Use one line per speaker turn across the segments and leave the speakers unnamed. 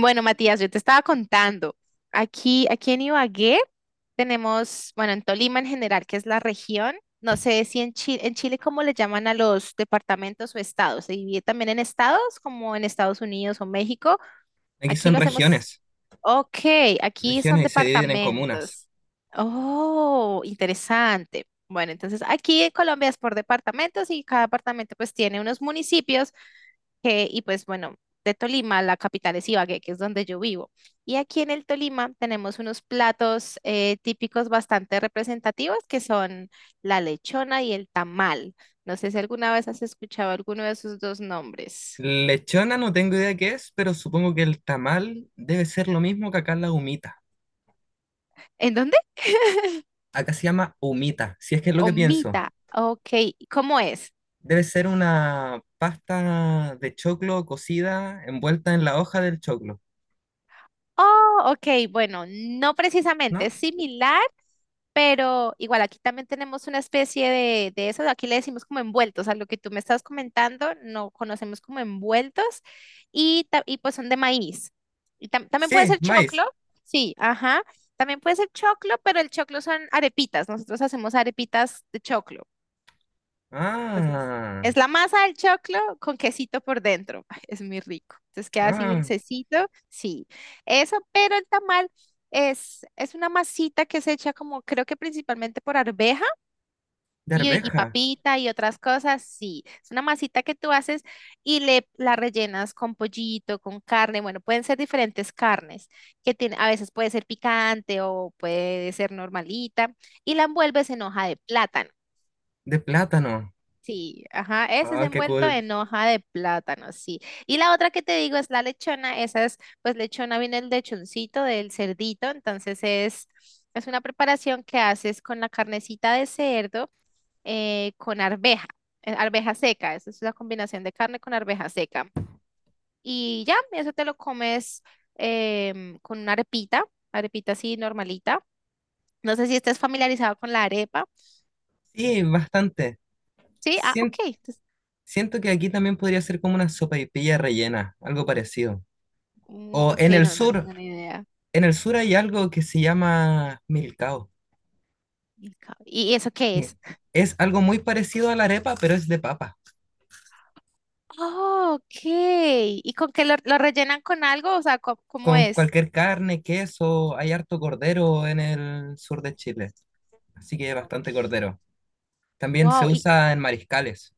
Bueno, Matías, yo te estaba contando, aquí en Ibagué tenemos, bueno, en Tolima en general, que es la región, no sé si en Chile, en Chile cómo le llaman a los departamentos o estados, se divide también en estados, como en Estados Unidos o México,
Aquí
aquí
son
lo hacemos,
regiones,
ok, aquí son
regiones y se dividen en comunas.
departamentos. Oh, interesante. Bueno, entonces aquí en Colombia es por departamentos y cada departamento pues tiene unos municipios que, y pues bueno, de Tolima, la capital es Ibagué, que es donde yo vivo. Y aquí en el Tolima tenemos unos platos típicos bastante representativos que son la lechona y el tamal. No sé si alguna vez has escuchado alguno de esos dos nombres.
Lechona no tengo idea qué es, pero supongo que el tamal debe ser lo mismo que acá la humita.
¿En dónde?
Acá se llama humita, si es que es lo que pienso.
Omita. Ok, ¿cómo es?
Debe ser una pasta de choclo cocida envuelta en la hoja del choclo,
Oh, ok, bueno, no precisamente,
¿no?
es similar. Pero igual aquí también tenemos una especie de eso, aquí le decimos como envueltos, a lo que tú me estás comentando, no conocemos como envueltos y, y pues son de maíz. Y también puede
Sí,
ser choclo,
maíz.
sí, ajá, también puede ser choclo, pero el choclo son arepitas, nosotros hacemos arepitas de choclo. Entonces,
Ah,
es la masa del choclo con quesito por dentro. Ay, es muy rico. Entonces queda así
ah,
dulcecito. Sí, eso, pero el tamal es una masita que se echa como, creo que principalmente por arveja
de
y
arveja,
papita y otras cosas. Sí, es una masita que tú haces y le, la rellenas con pollito, con carne. Bueno, pueden ser diferentes carnes que tiene, a veces puede ser picante o puede ser normalita y la envuelves en hoja de plátano.
de plátano.
Sí, ajá, ese es
Ah, qué
envuelto
cool.
en hoja de plátano, sí. Y la otra que te digo es la lechona, esa es, pues lechona viene el lechoncito del cerdito, entonces es una preparación que haces con la carnecita de cerdo con arveja, arveja seca, esa es la combinación de carne con arveja seca. Y ya, eso te lo comes con una arepita, arepita así normalita. No sé si estés familiarizado con la arepa.
Sí, bastante.
Sí, ah, ok,
Sien-
entonces,
Siento que aquí también podría ser como una sopaipilla rellena, algo parecido.
mm,
O
ok, no, no tengo ni idea.
en el sur hay algo que se llama milcao.
¿Y eso qué
Sí.
es?
Es algo muy parecido a la arepa, pero es de papa.
Oh, ok. ¿Y con qué lo rellenan con algo? O sea, ¿cómo, cómo
Con
es?
cualquier carne, queso, hay harto cordero en el sur de Chile. Así que bastante
Ok.
cordero. También se
Wow, y,
usa en mariscales.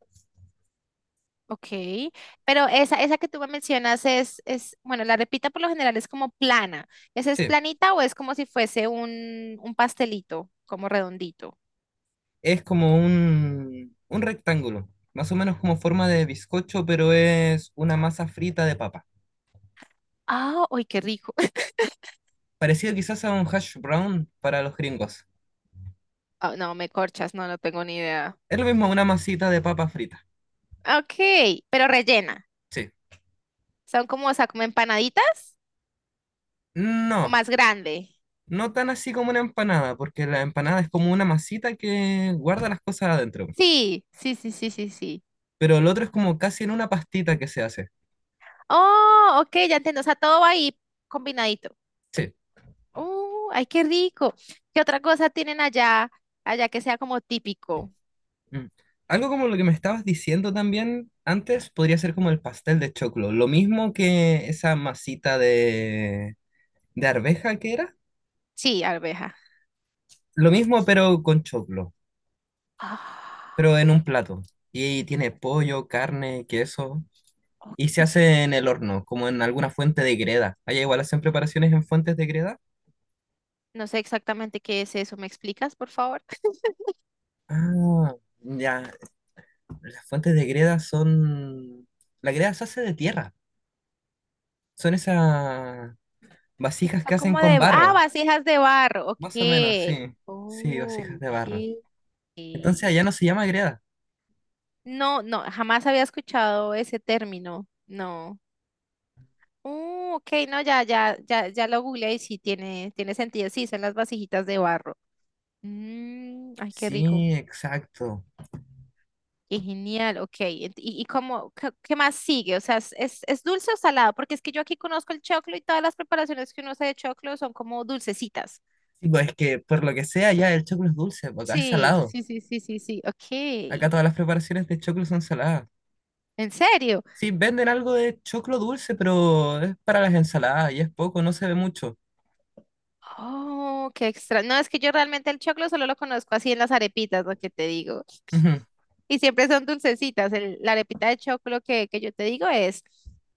ok. Pero esa que tú me mencionas es, bueno, la repita por lo general es como plana. ¿Esa es
Sí.
planita o es como si fuese un pastelito, como redondito?
Es como un rectángulo, más o menos como forma de bizcocho, pero es una masa frita de papa.
Ah, uy, qué rico.
Parecido quizás a un hash brown para los gringos.
Ah, no, me corchas, no, no tengo ni idea.
Es lo mismo una masita de papa frita.
Ok, pero rellena.
Sí.
Son como, o sea, como empanaditas o
No,
más grande.
no tan así como una empanada, porque la empanada es como una masita que guarda las cosas adentro.
Sí, sí, sí, sí, sí, sí.
Pero el otro es como casi en una pastita que se hace.
Oh, ok, ya entiendo. O sea, todo va ahí combinadito.
Sí.
Oh, ay, qué rico. ¿Qué otra cosa tienen allá, allá que sea como típico?
Mm. Algo como lo que me estabas diciendo también antes podría ser como el pastel de choclo. Lo mismo que esa masita de arveja que era,
Sí, arveja.
lo mismo pero con choclo, pero en
Ah,
un plato. Y tiene pollo, carne, queso, y se
ok.
hace en el horno, como en alguna fuente de greda. Allá igual hacen preparaciones en fuentes de greda.
No sé exactamente qué es eso. ¿Me explicas, por favor?
Ah, ya, las fuentes de greda son... La greda se hace de tierra, son esas vasijas
Son
que hacen
como
con
de, ah,
barro,
vasijas de barro. Ok.
más o menos, sí, sí,
Oh,
vasijas de barro.
ok.
Entonces allá no se llama greda.
No, no, jamás había escuchado ese término. No. Ok, no, ya, ya, ya, ya lo googleé y sí tiene, tiene sentido. Sí, son las vasijitas de barro. Mm, ay, qué rico.
Sí, exacto.
Qué genial, ok. Y cómo, qué, qué más sigue? O sea, es dulce o salado? Porque es que yo aquí conozco el choclo y todas las preparaciones que uno hace de choclo son como dulcecitas.
Sí, pues es que por lo que sea, ya el choclo es dulce, porque acá es
Sí,
salado.
sí, sí, sí, sí, sí.
Acá
Ok.
todas las preparaciones de choclo son saladas.
¿En serio?
Sí, venden algo de choclo dulce, pero es para las ensaladas y es poco, no se ve mucho.
Oh, qué extra. No, es que yo realmente el choclo solo lo conozco así en las arepitas, lo que te digo.
Ujú.
Y siempre son dulcecitas. La arepita de choclo que yo te digo es,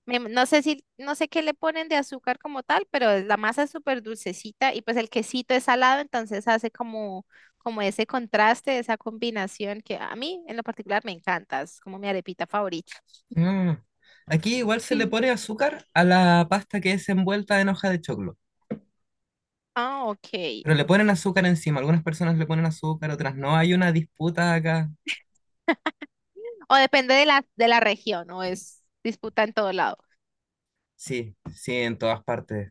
no sé si, no sé qué le ponen de azúcar como tal, pero la masa es súper dulcecita y pues el quesito es salado, entonces hace como, como ese contraste, esa combinación que a mí en lo particular me encanta, es como mi arepita favorita.
Mm. Aquí igual se le
Sí.
pone azúcar a la pasta que es envuelta en hoja de choclo,
Ah, ok.
pero le ponen azúcar encima. Algunas personas le ponen azúcar, otras no. Hay una disputa acá.
O depende de la región, o es disputa en todo lado.
Sí, sí, en todas partes.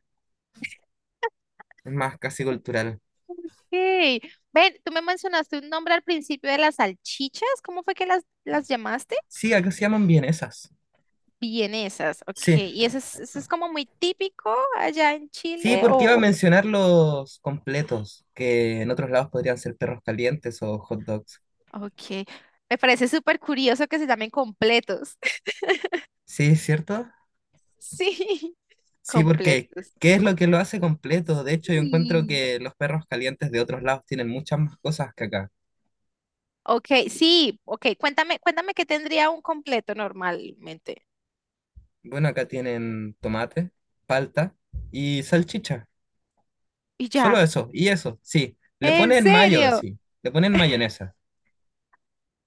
Es más, casi cultural.
Ok. Ven, tú me mencionaste un nombre al principio de las salchichas. ¿Cómo fue que las llamaste?
Sí, acá se llaman vienesas.
Vienesas. Ok.
Sí.
¿Y eso es como muy típico allá en
Sí,
Chile
porque iba a
o...?
mencionar los completos, que en otros lados podrían ser perros calientes o hot dogs.
Ok. Me parece súper curioso que se llamen completos.
Sí, es ¿cierto?
Sí,
Sí, porque
completos.
¿qué es lo que lo hace completo? De hecho, yo encuentro
Sí.
que los perros calientes de otros lados tienen muchas más cosas que acá.
Ok, sí. Ok, cuéntame, cuéntame qué tendría un completo normalmente.
Bueno, acá tienen tomate, palta y salchicha.
Y
Solo
ya.
eso, y eso, sí. Le
¿En
ponen mayo,
serio?
sí. Le ponen mayonesa.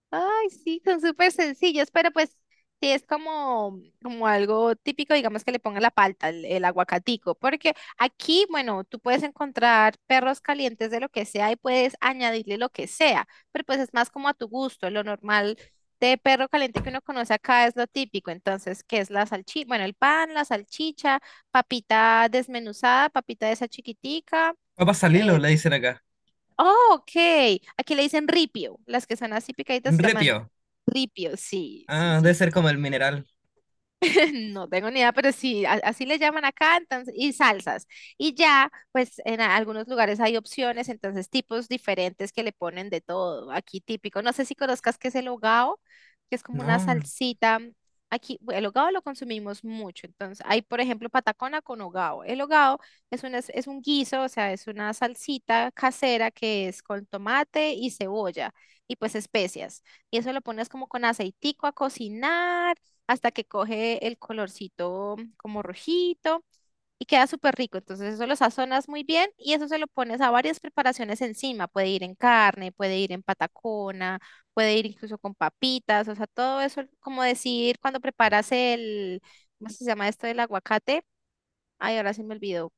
Ay, sí, son súper sencillos, pero pues sí es como, como algo típico, digamos que le pongan la palta, el aguacatico, porque aquí, bueno, tú puedes encontrar perros calientes de lo que sea y puedes añadirle lo que sea, pero pues es más como a tu gusto, lo normal de perro caliente que uno conoce acá es lo típico, entonces, ¿qué es la salchicha? Bueno, el pan, la salchicha, papita desmenuzada, papita de esa chiquitica.
Papa salilo,
eh,
le dicen acá.
Oh, ok. Aquí le dicen ripio. Las que son así picaditas se llaman
Repio.
ripio. Sí, sí,
Ah, debe
sí.
ser como el mineral.
No tengo ni idea, pero sí, así le llaman acá, entonces, y salsas. Y ya, pues en algunos lugares hay opciones, entonces tipos diferentes que le ponen de todo. Aquí típico, no sé si conozcas qué es el hogao, que es como una
No.
salsita. Aquí el hogao lo consumimos mucho, entonces hay, por ejemplo, patacona con hogao. El hogao es un guiso, o sea, es una salsita casera que es con tomate y cebolla y pues especias. Y eso lo pones como con aceitico a cocinar hasta que coge el colorcito como rojito y queda súper rico. Entonces eso lo sazonas muy bien y eso se lo pones a varias preparaciones encima. Puede ir en carne, puede ir en patacona, puede ir incluso con papitas, o sea, todo eso, como decir, cuando preparas el, ¿cómo se llama esto del aguacate? Ay, ahora se me olvidó.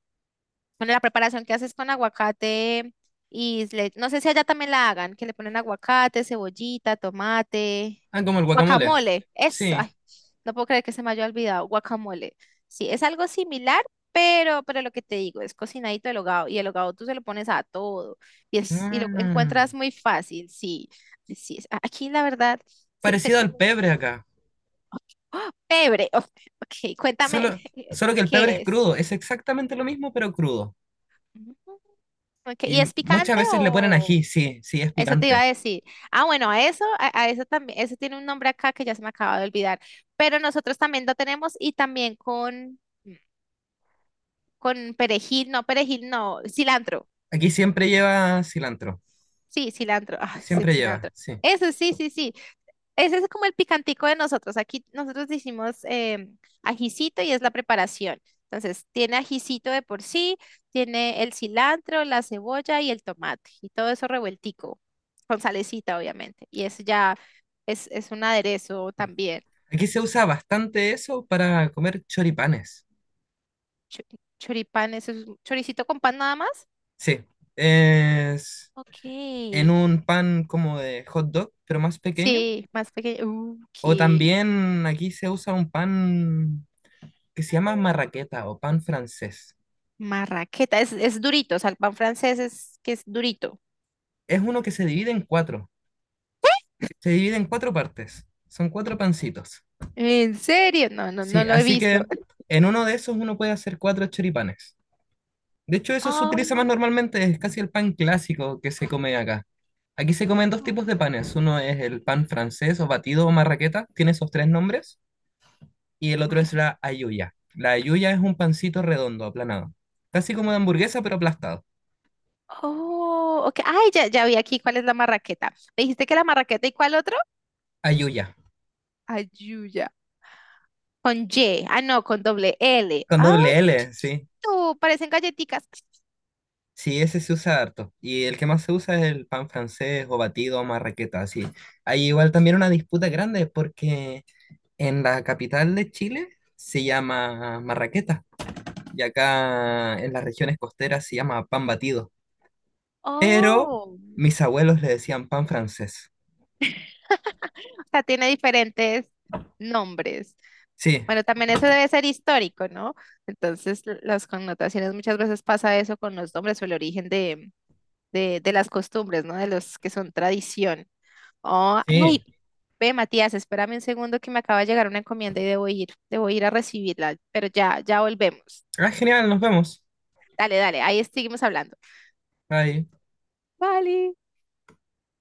Bueno, la preparación que haces con aguacate y no sé si allá también la hagan, que le ponen aguacate, cebollita, tomate,
Ah, como el guacamole.
guacamole, eso, ay,
Sí.
no puedo creer que se me haya olvidado, guacamole. Sí, es algo similar, pero lo que te digo, es cocinadito el hogao, y el hogao tú se lo pones a todo, y, es, y lo
Ah,
encuentras muy fácil, sí, sí, sí, aquí la verdad se, se
parecido al
come.
pebre acá.
¡Ah! Pebre, ok, ok, cuéntame,
Solo, solo que el pebre es
¿qué es?
crudo. Es exactamente lo mismo, pero crudo.
Ujú, ok,
Y
¿y es
muchas
picante
veces le ponen
o...?
ají, sí, sí, es
Eso te iba a
picante.
decir. Ah, bueno, a eso también, eso tiene un nombre acá que ya se me acaba de olvidar. Pero nosotros también lo tenemos y también con perejil, no, cilantro.
Aquí siempre lleva cilantro,
Sí, cilantro. Ah, es el
siempre lleva,
cilantro.
sí.
Eso sí, sí, sí. Ese es como el picantico de nosotros. Aquí nosotros decimos ajicito y es la preparación. Entonces, tiene ajicito de por sí, tiene el cilantro, la cebolla y el tomate y todo eso revueltico, con salecita, obviamente. Y eso ya es un aderezo también.
Aquí se usa bastante eso para comer choripanes.
Chu- Choripán, eso es un choricito con pan nada más.
Sí, es
Ok.
en un pan como de hot dog, pero más pequeño.
Sí, más pequeño.
O
Qué
también aquí se usa un pan que se llama marraqueta o pan francés.
marraqueta. Es durito, o sea, el pan francés es que es durito.
Es uno que se divide en cuatro, se divide en cuatro partes. Son cuatro pancitos.
¿En serio? No, no, no
Sí,
lo he
así
visto.
que en uno de esos uno puede hacer cuatro choripanes. De hecho, eso se
Oh,
utiliza más normalmente, es casi el pan clásico que se come acá. Aquí se comen dos tipos de panes. Uno es el pan francés o batido o marraqueta, tiene esos tres nombres, y el otro es
marra-
la ayuya. La ayuya es un pancito redondo, aplanado, casi como de hamburguesa, pero aplastado.
Oh, ok. Ay, ya, ya vi aquí cuál es la marraqueta. ¿Me dijiste que la marraqueta y cuál otro?
Ayuya,
Ayuya. Con Y. Ah, no, con doble L.
con
Ay,
doble
qué
L, sí.
chiquito. Parecen galletitas.
Sí, ese se usa harto. Y el que más se usa es el pan francés o batido o marraqueta, así. Hay igual también una disputa grande porque en la capital de Chile se llama marraqueta y acá en las regiones costeras se llama pan batido. Pero
Oh,
mis abuelos le decían pan francés.
o sea, tiene diferentes nombres.
Sí,
Bueno, también eso debe ser histórico, ¿no? Entonces, las connotaciones muchas veces pasa eso con los nombres o el origen de las costumbres, ¿no? De los que son tradición. Oh,
sí.
ay, ve, Matías, espérame un segundo que me acaba de llegar una encomienda y debo ir a recibirla, pero ya, ya volvemos.
Ah, genial, nos vemos.
Dale, dale, ahí seguimos hablando.
Bye.
Vale.